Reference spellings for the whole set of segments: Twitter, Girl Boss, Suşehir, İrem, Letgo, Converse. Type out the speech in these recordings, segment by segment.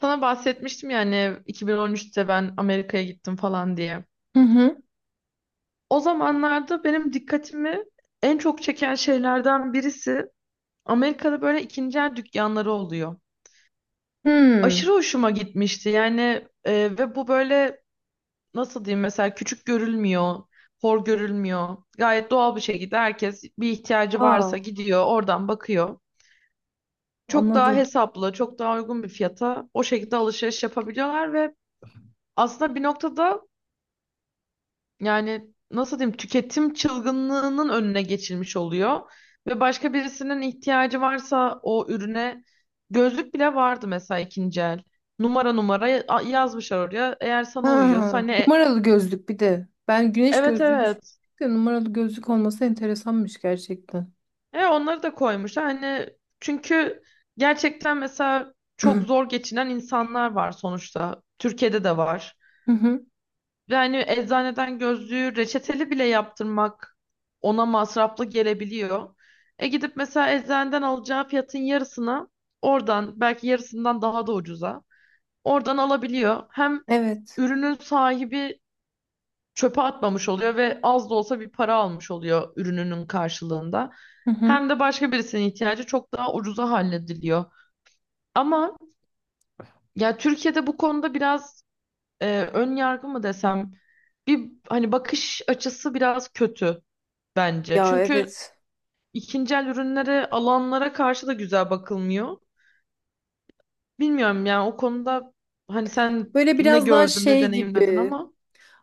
Sana bahsetmiştim yani 2013'te ben Amerika'ya gittim falan diye. Hı hı. O zamanlarda benim dikkatimi en çok çeken şeylerden birisi Amerika'da böyle ikinci el dükkanları oluyor. Aşırı Hmm. hoşuma gitmişti yani e, ve bu böyle nasıl diyeyim mesela küçük görülmüyor, hor görülmüyor. Gayet doğal bir şekilde herkes bir ihtiyacı Aa, varsa gidiyor oradan bakıyor. Çok daha anladım. hesaplı, çok daha uygun bir fiyata o şekilde alışveriş yapabiliyorlar ve aslında bir noktada yani nasıl diyeyim tüketim çılgınlığının önüne geçilmiş oluyor ve başka birisinin ihtiyacı varsa o ürüne gözlük bile vardı mesela ikinci el. Numara numara yazmışlar oraya. Eğer sana uyuyorsa Ha, hani numaralı gözlük bir de. Ben güneş evet gözlüğü düşündüm. evet. De numaralı gözlük olması enteresanmış gerçekten. E onları da koymuşlar. Hani çünkü gerçekten mesela çok Hı zor geçinen insanlar var sonuçta. Türkiye'de de var. hı. Yani eczaneden gözlüğü reçeteli bile yaptırmak ona masraflı gelebiliyor. E gidip mesela eczaneden alacağı fiyatın yarısını oradan belki yarısından daha da ucuza oradan alabiliyor. Hem Evet. ürünün sahibi çöpe atmamış oluyor ve az da olsa bir para almış oluyor ürününün karşılığında. Hı hı. Hem de başka birisinin ihtiyacı çok daha ucuza hallediliyor. Ama ya Türkiye'de bu konuda biraz ön yargı mı desem bir hani bakış açısı biraz kötü bence. Ya Çünkü evet. ikinci el ürünlere, alanlara karşı da güzel bakılmıyor. Bilmiyorum yani o konuda hani sen Böyle ne biraz daha gördün, ne şey deneyimledin gibi. ama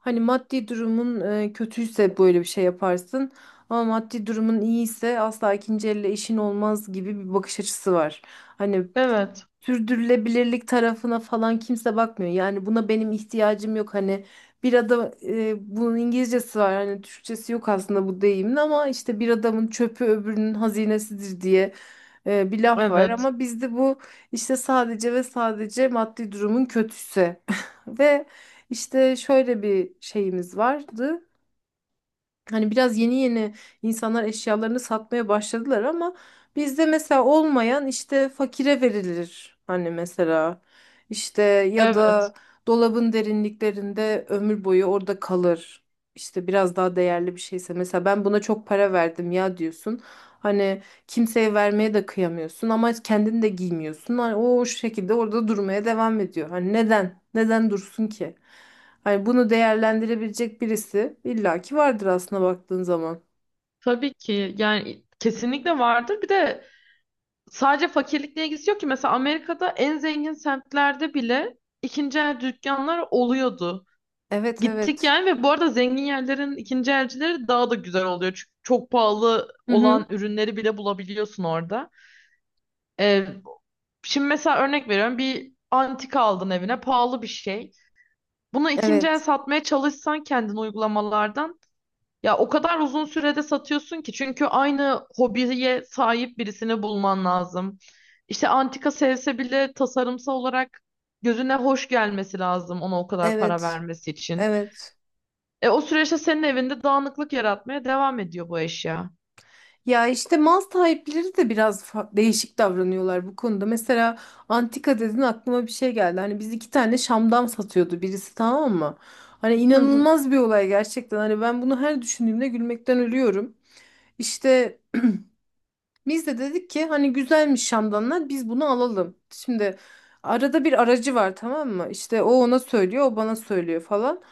Hani maddi durumun kötüyse böyle bir şey yaparsın. Ama maddi durumun iyiyse asla ikinci elle işin olmaz gibi bir bakış açısı var. Hani evet, sürdürülebilirlik tarafına falan kimse bakmıyor. Yani buna benim ihtiyacım yok. Hani bir adam bunun İngilizcesi var. Hani Türkçesi yok aslında bu deyimin ama işte bir adamın çöpü öbürünün hazinesidir diye bir laf var evet, ama bizde bu işte sadece ve sadece maddi durumun kötüsü. Ve işte şöyle bir şeyimiz vardı. Hani biraz yeni yeni insanlar eşyalarını satmaya başladılar ama bizde mesela olmayan işte fakire verilir. Hani mesela işte ya evet. da dolabın derinliklerinde ömür boyu orada kalır. İşte biraz daha değerli bir şeyse mesela ben buna çok para verdim ya diyorsun. Hani kimseye vermeye de kıyamıyorsun ama kendin de giymiyorsun. Hani o şekilde orada durmaya devam ediyor. Hani neden? Neden dursun ki? Hani bunu değerlendirebilecek birisi illaki vardır aslında baktığın zaman. Tabii ki yani kesinlikle vardır. Bir de sadece fakirlikle ilgisi yok ki. Mesela Amerika'da en zengin semtlerde bile ikinci el dükkanlar oluyordu. Evet, Gittik evet. yani ve bu arada zengin yerlerin ikinci elcileri daha da güzel oluyor. Çünkü çok pahalı Hı olan hı. ürünleri bile bulabiliyorsun orada. Ee, Şimdi mesela örnek veriyorum bir antika aldın evine pahalı bir şey. Bunu ikinci el Evet. satmaya çalışsan kendin uygulamalardan ya o kadar uzun sürede satıyorsun ki çünkü aynı hobiye sahip birisini bulman lazım. İşte antika sevse bile tasarımsal olarak gözüne hoş gelmesi lazım ona o kadar para Evet. vermesi için. Evet. O süreçte senin evinde dağınıklık yaratmaya devam ediyor bu eşya. Ya işte mal sahipleri de biraz değişik davranıyorlar bu konuda. Mesela antika dedin aklıma bir şey geldi. Hani biz iki tane şamdan satıyordu birisi, tamam mı? Hani Hı hı. inanılmaz bir olay gerçekten. Hani ben bunu her düşündüğümde gülmekten ölüyorum. İşte biz de dedik ki hani güzelmiş şamdanlar, biz bunu alalım. Şimdi arada bir aracı var, tamam mı? İşte o ona söylüyor, o bana söylüyor falan.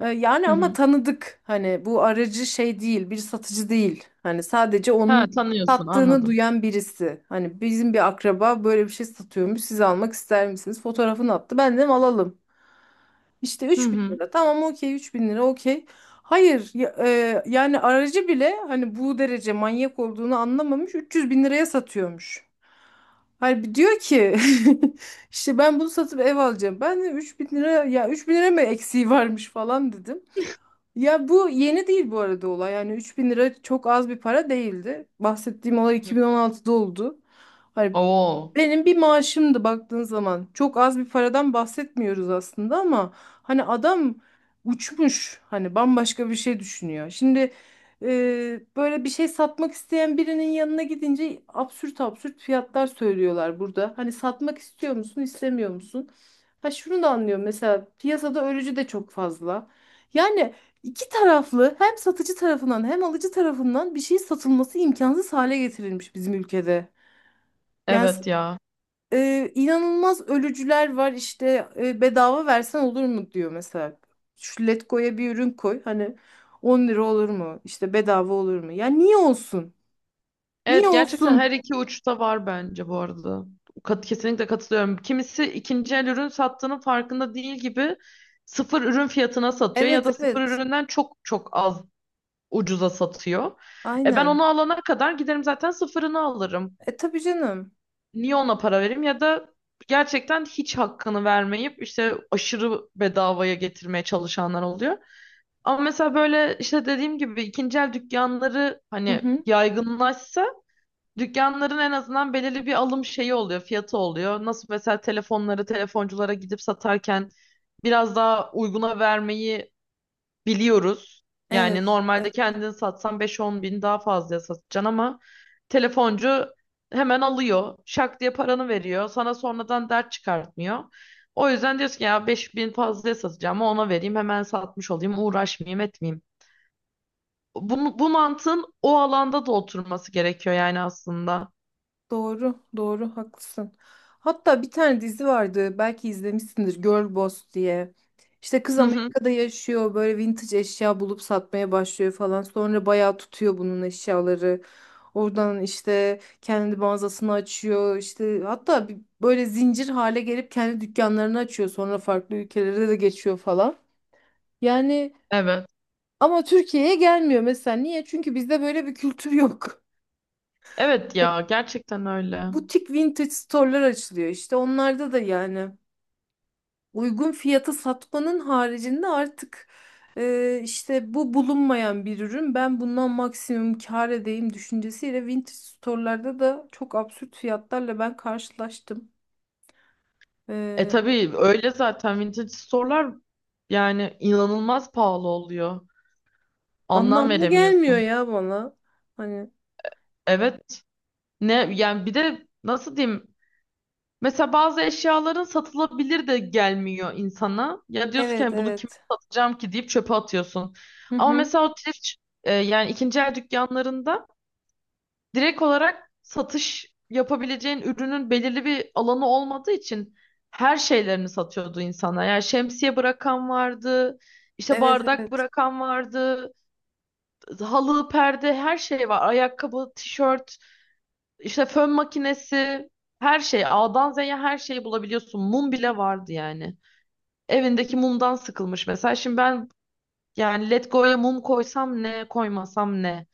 Yani Hı ama hı. tanıdık, hani bu aracı şey değil, bir satıcı değil. Hani sadece onun Ha, tanıyorsun sattığını anladım. duyan birisi. Hani bizim bir akraba böyle bir şey satıyormuş, siz almak ister misiniz? Fotoğrafını attı, ben dedim alalım. İşte Hı üç bin hı. lira tamam, okey, 3.000 lira, okey. Hayır ya- e, yani aracı bile hani bu derece manyak olduğunu anlamamış, 300 bin liraya satıyormuş. Hani diyor ki işte ben bunu satıp ev alacağım. Ben de 3.000 lira, ya 3.000 lira mı eksiği varmış falan dedim. Ya bu yeni değil bu arada olay. Yani 3.000 lira çok az bir para değildi. Bahsettiğim olay Hı. 2016'da oldu. Hani Oo. benim bir maaşımdı baktığın zaman. Çok az bir paradan bahsetmiyoruz aslında ama hani adam uçmuş. Hani bambaşka bir şey düşünüyor. Şimdi böyle bir şey satmak isteyen birinin yanına gidince absürt absürt fiyatlar söylüyorlar burada. Hani satmak istiyor musun, istemiyor musun? Ha şunu da anlıyorum, mesela piyasada ölücü de çok fazla. Yani İki taraflı, hem satıcı tarafından hem alıcı tarafından bir şey satılması imkansız hale getirilmiş bizim ülkede. Yani s- Evet ya. İnanılmaz ölücüler var, işte bedava versen olur mu diyor mesela. Şu Letgo'ya bir ürün koy, hani 10 lira olur mu? İşte bedava olur mu? Ya niye olsun? Niye Evet, gerçekten her olsun? iki uçta var bence bu arada. Kesinlikle katılıyorum. Kimisi ikinci el ürün sattığının farkında değil gibi sıfır ürün fiyatına satıyor ya Evet, da sıfır evet, üründen çok çok az ucuza satıyor. E ben onu aynen. alana kadar giderim zaten sıfırını alırım. E tabii canım. Niye ona para vereyim ya da gerçekten hiç hakkını vermeyip işte aşırı bedavaya getirmeye çalışanlar oluyor. Ama mesela böyle işte dediğim gibi ikinci el dükkanları Hı hani hı. yaygınlaşsa dükkanların en azından belirli bir alım şeyi oluyor, fiyatı oluyor. Nasıl mesela telefonları telefonculara gidip satarken biraz daha uyguna vermeyi biliyoruz. Yani Evet. normalde Evet. kendini satsan 5-10 bin daha fazla satacaksın ama telefoncu hemen alıyor. Şak diye paranı veriyor. Sana sonradan dert çıkartmıyor. O yüzden diyorsun ki ya 5 bin fazla satacağım ama ona vereyim hemen satmış olayım uğraşmayayım etmeyeyim. Bu mantığın o alanda da oturması gerekiyor yani aslında. Doğru, doğru, haklısın. Hatta bir tane dizi vardı, belki izlemişsindir, Girl Boss diye. İşte kız Hı hı, Amerika'da yaşıyor, böyle vintage eşya bulup satmaya başlıyor falan. Sonra bayağı tutuyor bunun eşyaları. Oradan işte kendi mağazasını açıyor. İşte hatta böyle zincir hale gelip kendi dükkanlarını açıyor. Sonra farklı ülkelere de geçiyor falan. Yani evet. ama Türkiye'ye gelmiyor mesela. Niye? Çünkü bizde böyle bir kültür yok. Evet ya, gerçekten öyle. Butik vintage store'lar açılıyor işte. Onlarda da yani uygun fiyata satmanın haricinde artık işte bu bulunmayan bir ürün, ben bundan maksimum kâr edeyim düşüncesiyle vintage store'larda da çok absürt fiyatlarla ben karşılaştım. E E, tabii öyle zaten vintage store'lar yani inanılmaz pahalı oluyor. Anlam anlamlı gelmiyor veremiyorsun. ya bana. Hani Evet. Ne yani bir de nasıl diyeyim? Mesela bazı eşyaların satılabilir de gelmiyor insana. Ya diyorsun ki evet, "Yani bunu kime evet. satacağım ki" deyip çöpe atıyorsun. Hı Ama hı. mesela o thrift, yani ikinci el dükkanlarında direkt olarak satış yapabileceğin ürünün belirli bir alanı olmadığı için her şeylerini satıyordu insana. Yani şemsiye bırakan vardı, işte Evet, bardak evet. bırakan vardı, halı, perde her şey var. Ayakkabı, tişört. İşte fön makinesi, her şey, A'dan Z'ye her şeyi bulabiliyorsun. Mum bile vardı yani. Evindeki mumdan sıkılmış mesela. Şimdi ben yani Letgo'ya mum koysam ne, koymasam ne?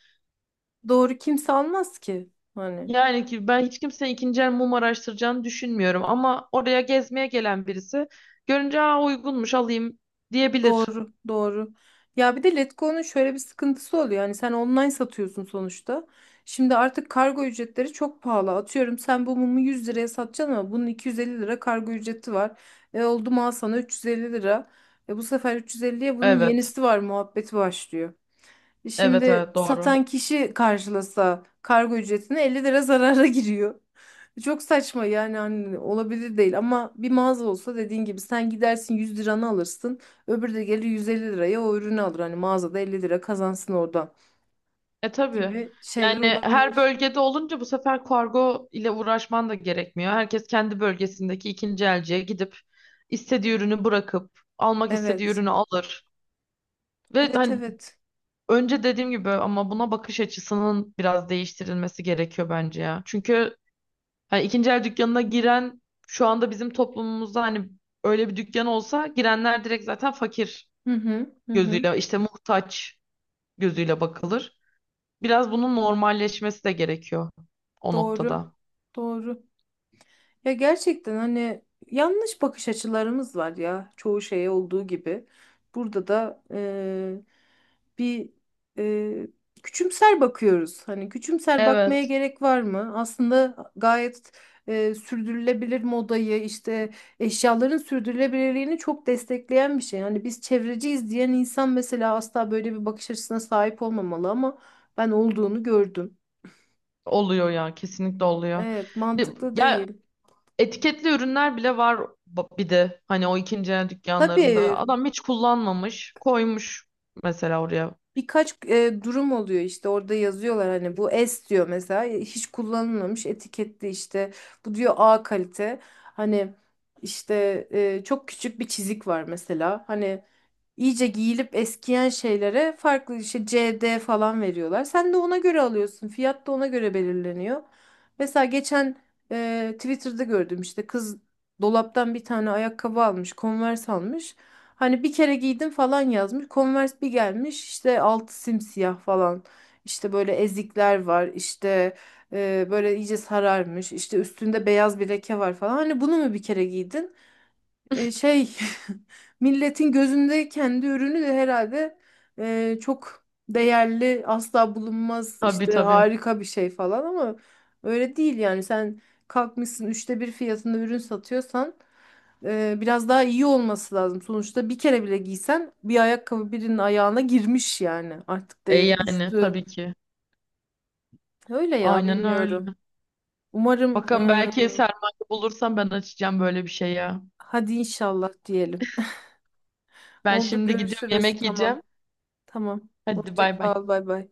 Doğru, kimse almaz ki. Hani. Yani ki ben hiç kimsenin ikinci el mum araştıracağını düşünmüyorum ama oraya gezmeye gelen birisi görünce "Aa, uygunmuş, alayım" diyebilir. Doğru, doğru. Ya bir de Letgo'nun şöyle bir sıkıntısı oluyor. Yani sen online satıyorsun sonuçta. Şimdi artık kargo ücretleri çok pahalı. Atıyorum sen bu mumu 100 liraya satacaksın ama bunun 250 lira kargo ücreti var. E oldu mu, al sana 350 lira. E bu sefer 350'ye bunun Evet. yenisi var muhabbeti başlıyor. Evet Şimdi evet doğru. satan kişi karşılasa kargo ücretine 50 lira zarara giriyor. Çok saçma yani, hani olabilir değil ama bir mağaza olsa dediğin gibi sen gidersin 100 liranı alırsın. Öbürü de gelir 150 liraya o ürünü alır. Hani mağazada 50 lira kazansın oradan E tabii. gibi şeyler Yani her olabilir. bölgede olunca bu sefer kargo ile uğraşman da gerekmiyor. Herkes kendi bölgesindeki ikinci elciye gidip istediği ürünü bırakıp almak istediği Evet. ürünü alır. Ve Evet, hani evet. önce dediğim gibi ama buna bakış açısının biraz değiştirilmesi gerekiyor bence ya. Çünkü hani ikinci el dükkanına giren şu anda bizim toplumumuzda hani öyle bir dükkan olsa girenler direkt zaten fakir Hı hı. Hı hı. gözüyle işte muhtaç gözüyle bakılır. Biraz bunun normalleşmesi de gerekiyor o Doğru. noktada. Doğru. Ya gerçekten hani yanlış bakış açılarımız var ya, çoğu şeye olduğu gibi. Burada da bir eee, küçümser bakıyoruz. Hani küçümser bakmaya Evet. gerek var mı? Aslında gayet sürdürülebilir modayı, işte eşyaların sürdürülebilirliğini çok destekleyen bir şey. Hani biz çevreciyiz diyen insan mesela asla böyle bir bakış açısına sahip olmamalı ama ben olduğunu gördüm. Oluyor ya, kesinlikle oluyor. Evet, mantıklı Ya, değil. etiketli ürünler bile var, bir de hani o ikinci el Tabii. dükkanlarında. Adam hiç kullanmamış koymuş mesela oraya. Birkaç durum oluyor işte, orada yazıyorlar hani, bu S diyor mesela, hiç kullanılmamış etiketli işte, bu diyor A kalite hani, işte çok küçük bir çizik var mesela, hani İyice giyilip eskiyen şeylere farklı işte CD falan veriyorlar. Sen de ona göre alıyorsun. Fiyat da ona göre belirleniyor. Mesela geçen Twitter'da gördüm, işte kız dolaptan bir tane ayakkabı almış, Converse almış. Hani bir kere giydim falan yazmış. Converse bir gelmiş, işte altı simsiyah falan. İşte böyle ezikler var. İşte böyle iyice sararmış. İşte üstünde beyaz bir leke var falan. Hani bunu mu bir kere giydin? e, şey milletin gözünde kendi ürünü de herhalde çok değerli, asla bulunmaz, Tabii işte tabii. harika bir şey falan ama öyle değil yani. Sen kalkmışsın 1/3 fiyatında ürün satıyorsan biraz daha iyi olması lazım. Sonuçta bir kere bile giysen bir ayakkabı birinin ayağına girmiş, yani artık E değeri yani düştü. tabii ki. Öyle ya, Aynen öyle. bilmiyorum. Umarım. Bakın, belki sermaye bulursam ben açacağım böyle bir şey ya. Hadi inşallah diyelim. Ben Oldu, şimdi gidiyorum, görüşürüz, yemek tamam. yiyeceğim. Tamam. Hadi, Hoşça bay bay. kal. Bay bay.